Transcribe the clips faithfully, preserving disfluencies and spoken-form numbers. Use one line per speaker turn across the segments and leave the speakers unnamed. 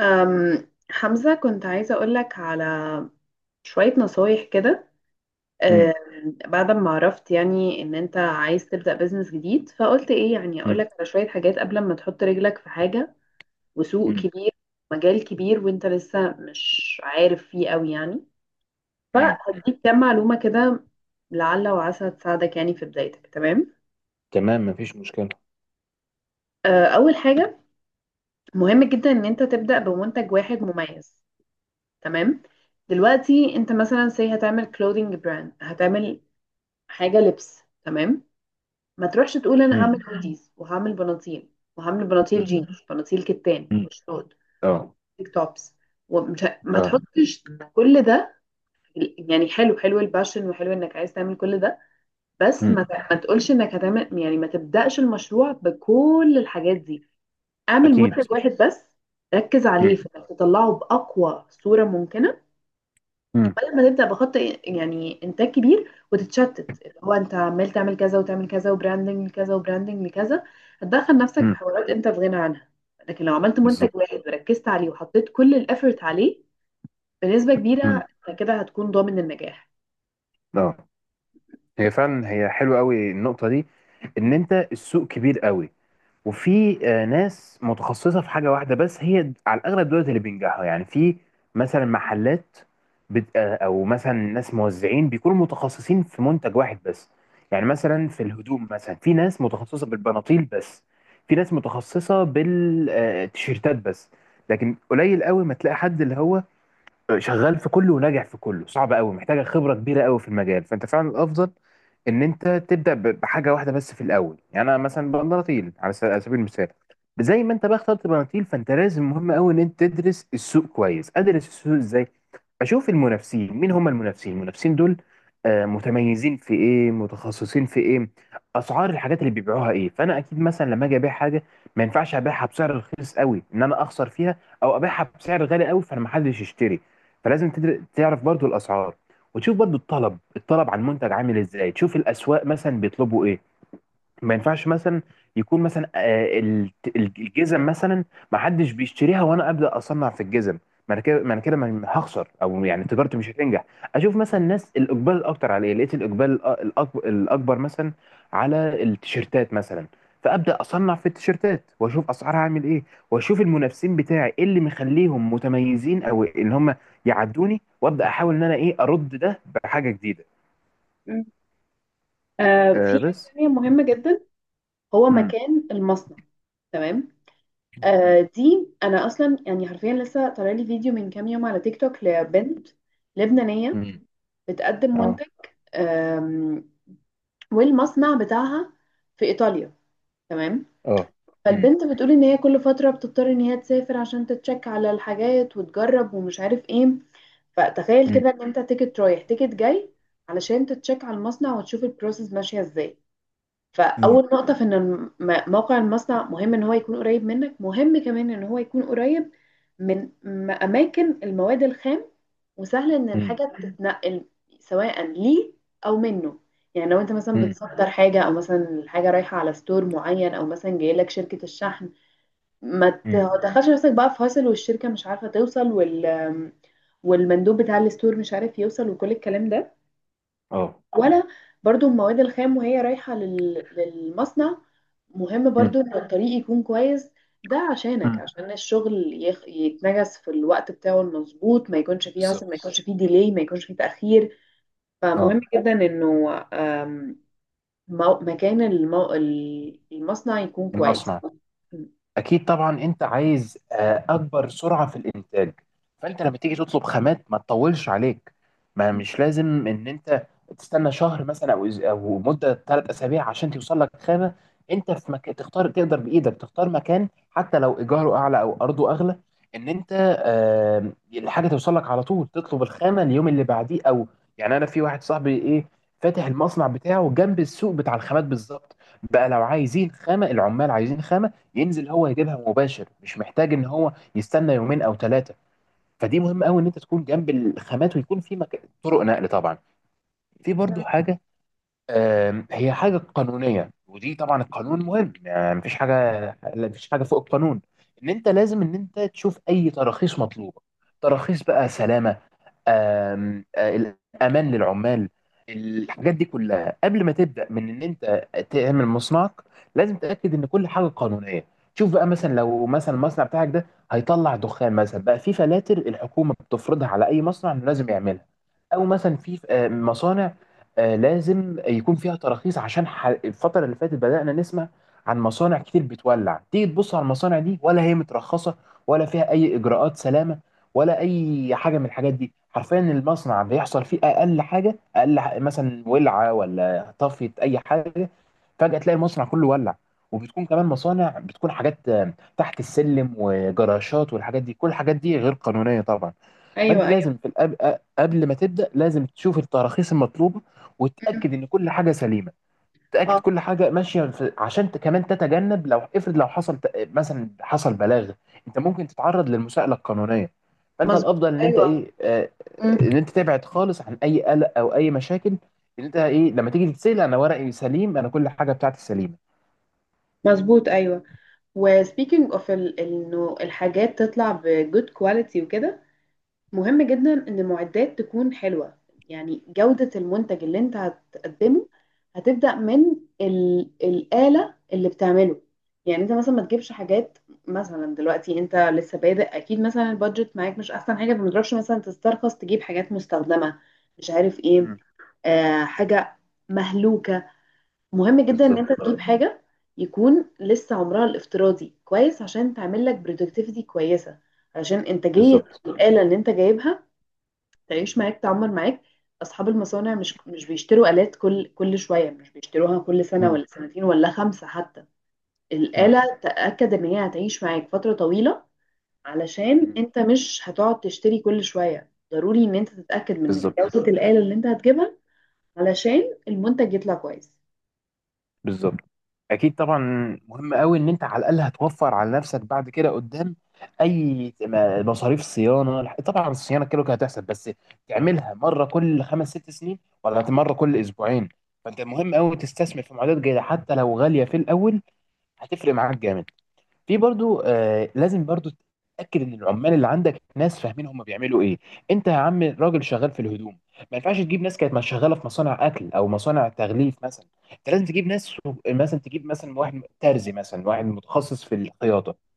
أم حمزة، كنت عايزة أقولك على شوية نصايح كده.
مم.
أم، بعد ما عرفت يعني إن أنت عايز تبدأ بيزنس جديد، فقلت إيه يعني
مم.
أقولك على شوية حاجات قبل ما تحط رجلك في حاجة وسوق
مم.
كبير، مجال كبير وأنت لسه مش عارف فيه أوي يعني،
مم. مم.
فهديك كام معلومة كده لعل وعسى تساعدك يعني في بدايتك. تمام.
تمام، مفيش مشكلة.
أه، أول حاجة مهم جدا إن أنت تبدأ بمنتج واحد مميز. تمام. دلوقتي انت مثلا سي هتعمل كلودينج براند، هتعمل حاجه لبس. تمام. ما تروحش تقول انا
مم.
هعمل هوديز وهعمل بناطيل وهعمل بناطيل
مم.
جينز، بناطيل كتان
مم.
وشورت،
اه،
تيك توبس. ومش ه- ما
اه.
تحطش كل ده. في- يعني حلو حلو الباشن وحلو انك عايز تعمل كل ده، بس
مم.
ما ت- ما تقولش انك هتعمل، يعني ما تبدأش المشروع بكل الحاجات دي. اعمل
اكيد.
منتج واحد بس، ركز عليه
مم.
في انك تطلعه باقوى صورة ممكنة،
مم.
بدل ما تبدا بخط يعني انتاج كبير وتتشتت، اللي هو انت عمال تعمل كذا وتعمل كذا وبراندنج لكذا وبراندنج لكذا. هتدخل نفسك في
مم.
حوارات انت في غنى عنها. لكن لو عملت منتج
بالظبط.
واحد وركزت عليه وحطيت كل الافورت عليه، بنسبه
مم.
كبيره انت كده هتكون ضامن النجاح.
اه. هي فعلا هي حلوة قوي النقطة دي، ان انت السوق كبير قوي، وفي آه، ناس متخصصة في حاجة واحدة بس، هي على الأغلب دولت اللي بينجحوا، يعني في مثلا محلات بت... آه، أو مثلا ناس موزعين بيكونوا متخصصين في منتج واحد بس. يعني مثلا في الهدوم، مثلا في ناس متخصصة بالبناطيل بس، في ناس متخصصة بالتيشيرتات بس، لكن قليل قوي ما تلاقي حد اللي هو شغال في كله وناجح في كله. صعب قوي، محتاجه خبره كبيره قوي في المجال. فانت فعلا الافضل ان انت تبدا ب- بحاجه واحده بس في الاول. يعني انا مثلا بنطيل على س- على سبيل المثال، زي ما انت بقى اخترت بناطيل، فانت لازم، مهم قوي، ان انت تدرس السوق كويس. ادرس السوق ازاي؟ اشوف المنافسين، مين هم المنافسين المنافسين دول، آه، متميزين في ايه، متخصصين في ايه، اسعار الحاجات اللي بيبيعوها ايه. فانا اكيد مثلا لما اجي ابيع حاجه، ما ينفعش ابيعها بسعر رخيص قوي ان انا اخسر فيها، او ابيعها بسعر غالي قوي فانا ما حدش يشتري. فلازم تدر- تعرف برضو الاسعار، وتشوف برضو الطلب الطلب على المنتج عامل ازاي. تشوف الاسواق مثلا بيطلبوا ايه. ما ينفعش مثلا يكون مثلا آه، ال- ال- الجزم مثلا ما حدش بيشتريها وانا ابدا اصنع في الجزم. ما انا كده ما انا كده ما- هخسر، او يعني تجارتي مش هتنجح. اشوف مثلا الناس الاقبال الاكتر على ايه. لقيت الاقبال الأ- الأكب- الاكبر مثلا على التيشيرتات مثلا، فابدا اصنع في التيشيرتات واشوف اسعارها عامل ايه، واشوف المنافسين بتاعي ايه اللي مخليهم متميزين، او ان هم يعدوني، وابدا احاول ان انا ايه ارد ده بحاجه جديده.
مم. آه في
أه،
حاجه
بس.
تانيه مهمه جدا، هو
مم.
مكان المصنع. تمام. آه
مم.
دي انا اصلا يعني حرفيا لسه طالع لي فيديو من كام يوم على تيك توك لبنت لبنانيه
مم.
بتقدم
اه،
منتج والمصنع بتاعها في إيطاليا. تمام.
اه. مم.
فالبنت بتقول إن هي كل فترة بتضطر إن هي تسافر عشان تتشك على الحاجات وتجرب ومش عارف إيه. فتخيل
مم.
كده إن أنت تيكت رايح تيكت جاي علشان تتشك على المصنع وتشوف البروسيس ماشية إزاي.
مم.
فأول نقطة في إن الم- م- موقع المصنع مهم إن هو يكون قريب منك، مهم كمان إن هو يكون قريب من م- أماكن المواد الخام وسهل ان
مم.
الحاجه تتنقل سواء ليه او منه. يعني لو انت مثلا
مم.
بتصدر حاجه، او مثلا الحاجه رايحه على ستور معين، او مثلا جاي لك شركه الشحن، ما
مم.
تدخلش نفسك بقى في هاسل والشركه مش عارفه توصل وال والمندوب بتاع الستور مش عارف يوصل وكل الكلام ده
اه.
ولا. برضو المواد الخام وهي رايحة لل... للمصنع، مهم
مم.
برضو ان الطريق يكون كويس. ده عشانك،
مم.
عشان الشغل يخ... يتنجز في الوقت بتاعه المظبوط، ما يكونش فيه عصر، ما
بالظبط.
يكونش فيه ديلي، ما يكونش فيه تأخير.
اه.
فمهم جدا انه آم، مو... مكان المو... المصنع يكون كويس.
المصنع.
م.
اكيد طبعا. انت عايز آه، اكبر سرعه في الانتاج، فانت لما تيجي تطلب خامات ما تطولش عليك. ما مش لازم ان انت تستنى شهر مثلا، او أز- او مده ثلاث اسابيع عشان توصل لك خامه. انت في مكان تختار، تقدر بايدك تختار مكان حتى لو ايجاره اعلى او ارضه اغلى، ان انت آه، الحاجه توصل لك على طول. تطلب الخامه اليوم اللي بعديه او، يعني انا في واحد صاحبي ايه فاتح المصنع بتاعه جنب السوق بتاع الخامات بالظبط. بقى لو عايزين خامه، العمال عايزين خامه، ينزل هو يجيبها مباشر، مش محتاج ان هو يستنى يومين او ثلاثه. فدي مهم قوي ان انت تكون جنب الخامات، ويكون في مك... طرق نقل طبعا. في برضو حاجه، آم، هي حاجه قانونيه. ودي طبعا القانون مهم، يعني مفيش حاجه، لا مفيش حاجه فوق القانون. ان انت لازم ان انت تشوف اي تراخيص مطلوبه، تراخيص بقى سلامه، آم، آه، الامان للعمال. الحاجات دي كلها قبل ما تبدا، من ان انت تعمل مصنعك لازم تتاكد ان كل حاجه قانونيه. شوف بقى مثلا لو مثلا المصنع بتاعك ده هيطلع دخان مثلا، بقى في فلاتر الحكومه بتفرضها على اي مصنع انه لازم يعملها. او مثلا في آه، مصانع آه، لازم يكون فيها تراخيص، عشان ح- الفتره اللي فاتت بدانا نسمع عن مصانع كتير بتولع. تيجي تبص على المصانع دي، ولا هي مترخصه، ولا فيها اي اجراءات سلامه، ولا اي حاجه من الحاجات دي. حرفيا المصنع بيحصل فيه اقل حاجه، اقل ح- مثلا ولعه ولا طفت اي حاجه، فجاه تلاقي المصنع كله ولع. وبتكون كمان مصانع بتكون حاجات آه، تحت السلم وجراشات والحاجات دي، كل الحاجات دي غير قانونيه طبعا. فانت
ايوه ايوه.
لازم في الأب... قبل ما تبدا لازم تشوف التراخيص المطلوبه
م.
وتتاكد ان كل حاجه سليمه. تاكد
اه.
كل حاجه ماشيه في... عشان ت- كمان تتجنب لو افرض لو حصل ت- مثلا حصل بلاغ، انت ممكن تتعرض للمساءله القانونيه. فانت
مظبوط
الافضل ان انت
ايوه.
ايه، آه،
م.
ان انت تبعد خالص عن اي قلق او اي مشاكل، ان انت ايه لما تيجي تتسال انا ورقي سليم، انا كل حاجه بتاعتي سليمه.
مظبوط ايوه. وسبيكينج اوف انه الحاجات تطلع بجود كواليتي وكده، مهم جدا ان المعدات تكون حلوة. يعني جودة المنتج اللي انت هتقدمه هتبدأ من ال... الآلة اللي بتعمله. يعني انت مثلا ما تجيبش حاجات، مثلا دلوقتي انت لسه بادئ اكيد مثلا البادجت معاك مش احسن حاجة، فما تروحش مثلا تسترخص تجيب حاجات مستخدمة، مش عارف ايه،
مم.
آه
مم.
حاجة مهلوكة. مهم جدا ان
بالظبط.
انت تجيب حاجة يكون لسه عمرها الافتراضي كويس عشان تعمل لك برودكتيفيتي كويسة، عشان انتاجية
بالظبط.
الآلة اللي انت جايبها تعيش معاك، تعمر معاك. اصحاب المصانع مش مش بيشتروا آلات كل كل شويه، مش بيشتروها كل سنه
مم.
ولا سنتين ولا خمسه حتى.
مم.
الآلة تأكد ان هي هتعيش معاك فتره طويله. علشان
مم.
انت مش هتقعد تشتري كل شويه، ضروري ان انت تتأكد من
بالظبط.
جودة الآلة اللي انت هتجيبها علشان المنتج يطلع كويس.
بالظبط. اكيد طبعا. مهم قوي ان انت على الاقل هتوفر على نفسك بعد كده قدام اي ما- مصاريف صيانه. طبعا الصيانه كده كده هتحصل، بس تعملها مره كل خمس ست سنين، ولا مره كل اسبوعين؟ فانت مهم قوي تستثمر في معدات جيده حتى لو غاليه في الاول، هتفرق معاك جامد. في برضو آه لازم برضو تتاكد ان العمال اللي عندك ناس فاهمين هم بيعملوا ايه. انت يا عم راجل شغال في الهدوم، ما ينفعش تجيب ناس كانت شغاله في مصانع اكل او مصانع تغليف مثلا. انت لازم تجيب ناس، مثلا تجيب مثلا واحد ترزي، مثلا واحد متخصص في الخياطه،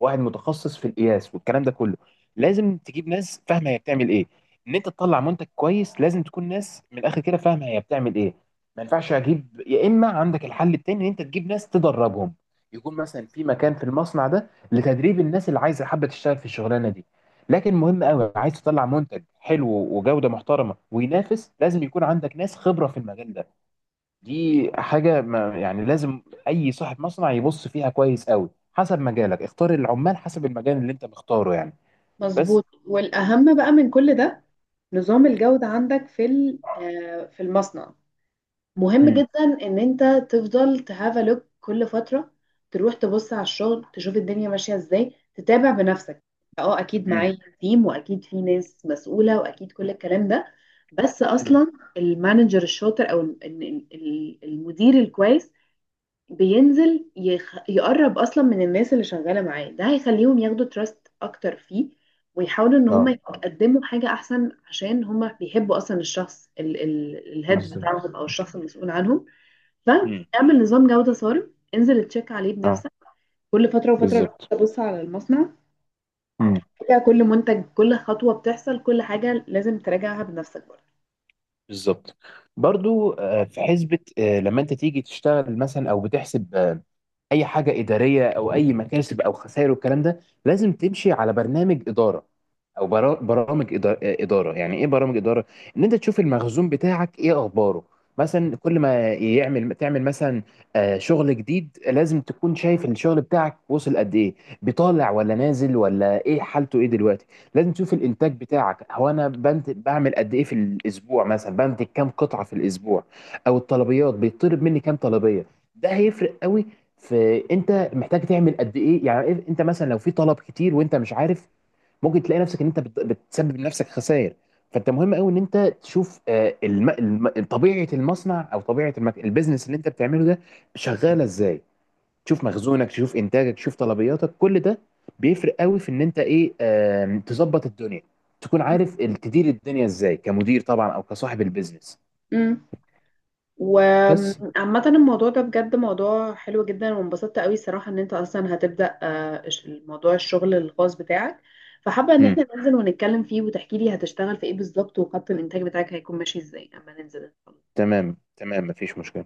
واحد متخصص في القياس والكلام ده كله. لازم تجيب ناس فاهمه هي بتعمل ايه. ان انت تطلع منتج كويس لازم تكون ناس من الاخر كده فاهمه هي بتعمل ايه. ما ينفعش اجيب، يا اما عندك الحل التاني ان انت تجيب ناس تدربهم، يكون مثلا في مكان في المصنع ده لتدريب الناس اللي عايزه حابه تشتغل في الشغلانه دي. لكن مهم قوي، عايز تطلع منتج حلو وجوده محترمه وينافس، لازم يكون عندك ناس خبره في المجال ده. دي حاجة ما يعني لازم أي صاحب مصنع يبص فيها كويس قوي. حسب مجالك اختار العمال، حسب المجال اللي أنت مختاره يعني. بس.
مظبوط. والأهم بقى من كل ده نظام الجودة عندك في ال- آه، في المصنع. مهم
مم.
جدا ان انت تفضل تهاف لوك كل فتره، تروح تبص على الشغل تشوف الدنيا ماشيه ازاي، تتابع بنفسك. اه اكيد
مم.
معايا تيم واكيد في ناس مسؤوله واكيد كل الكلام ده، بس
مم.
اصلا المانجر الشاطر او ال- ال- ال- المدير الكويس بينزل يخ... يقرب اصلا من الناس اللي شغاله معاه. ده هيخليهم ياخدوا تراست اكتر فيه ويحاولوا ان هم
اه.
يقدموا حاجه احسن عشان هم بيحبوا اصلا الشخص ال... ال... الهيد
بالظبط.
بتاعهم او الشخص المسؤول عنهم.
مم.
فاعمل نظام جوده صارم، انزل تشيك عليه
اه.
بنفسك كل فتره وفتره، روح
بالظبط.
تبص على المصنع،
مم.
تراجع كل منتج كل خطوه بتحصل، كل حاجه لازم تراجعها بنفسك.
بالظبط. برضو آه، في حسبة، آه، لما أنت تيجي تشتغل مثلا أو بتحسب آه، اي حاجه اداريه او اي مكاسب او خسائر والكلام ده، لازم تمشي على برنامج اداره، او برا- برامج إدا- اداره. يعني ايه برامج اداره؟ ان انت تشوف المخزون بتاعك ايه اخباره. مثلا كل ما يعمل تعمل مثلا آه، شغل جديد، لازم تكون شايف الشغل بتاعك وصل قد ايه، بيطالع ولا نازل، ولا ايه حالته ايه دلوقتي. لازم تشوف الانتاج بتاعك هو، انا بنت بعمل قد ايه في الاسبوع، مثلا بنتج كام قطعه في الاسبوع، او الطلبيات بيطلب مني كام طلبيه. ده هيفرق قوي. فانت محتاج تعمل قد ايه، يعني إيه- انت مثلا لو في طلب كتير وانت مش عارف ممكن تلاقي نفسك ان انت بت- بتسبب لنفسك خسائر. فانت مهم قوي ان انت تشوف آه، الم... الم... طبيعه المصنع، او طبيعه المك... البيزنس اللي انت بتعمله ده شغاله ازاي. تشوف مخزونك، تشوف انتاجك، تشوف طلبياتك، كل ده بيفرق قوي في ان انت ايه، آم، تظبط الدنيا، تكون عارف ال- تدير الدنيا ازاي كمدير طبعا، او كصاحب البيزنس.
برضه
بس.
وعامة الموضوع ده بجد موضوع حلو جدا وانبسطت قوي صراحة ان انت اصلا هتبدأ آه، إش- موضوع الشغل الخاص بتاعك. فحابة ان
مم.
احنا ننزل ونتكلم فيه وتحكي لي هتشتغل في ايه بالظبط وخط الانتاج بتاعك هيكون ماشي ازاي اما ننزل.
تمام، تمام، مفيش مشكله.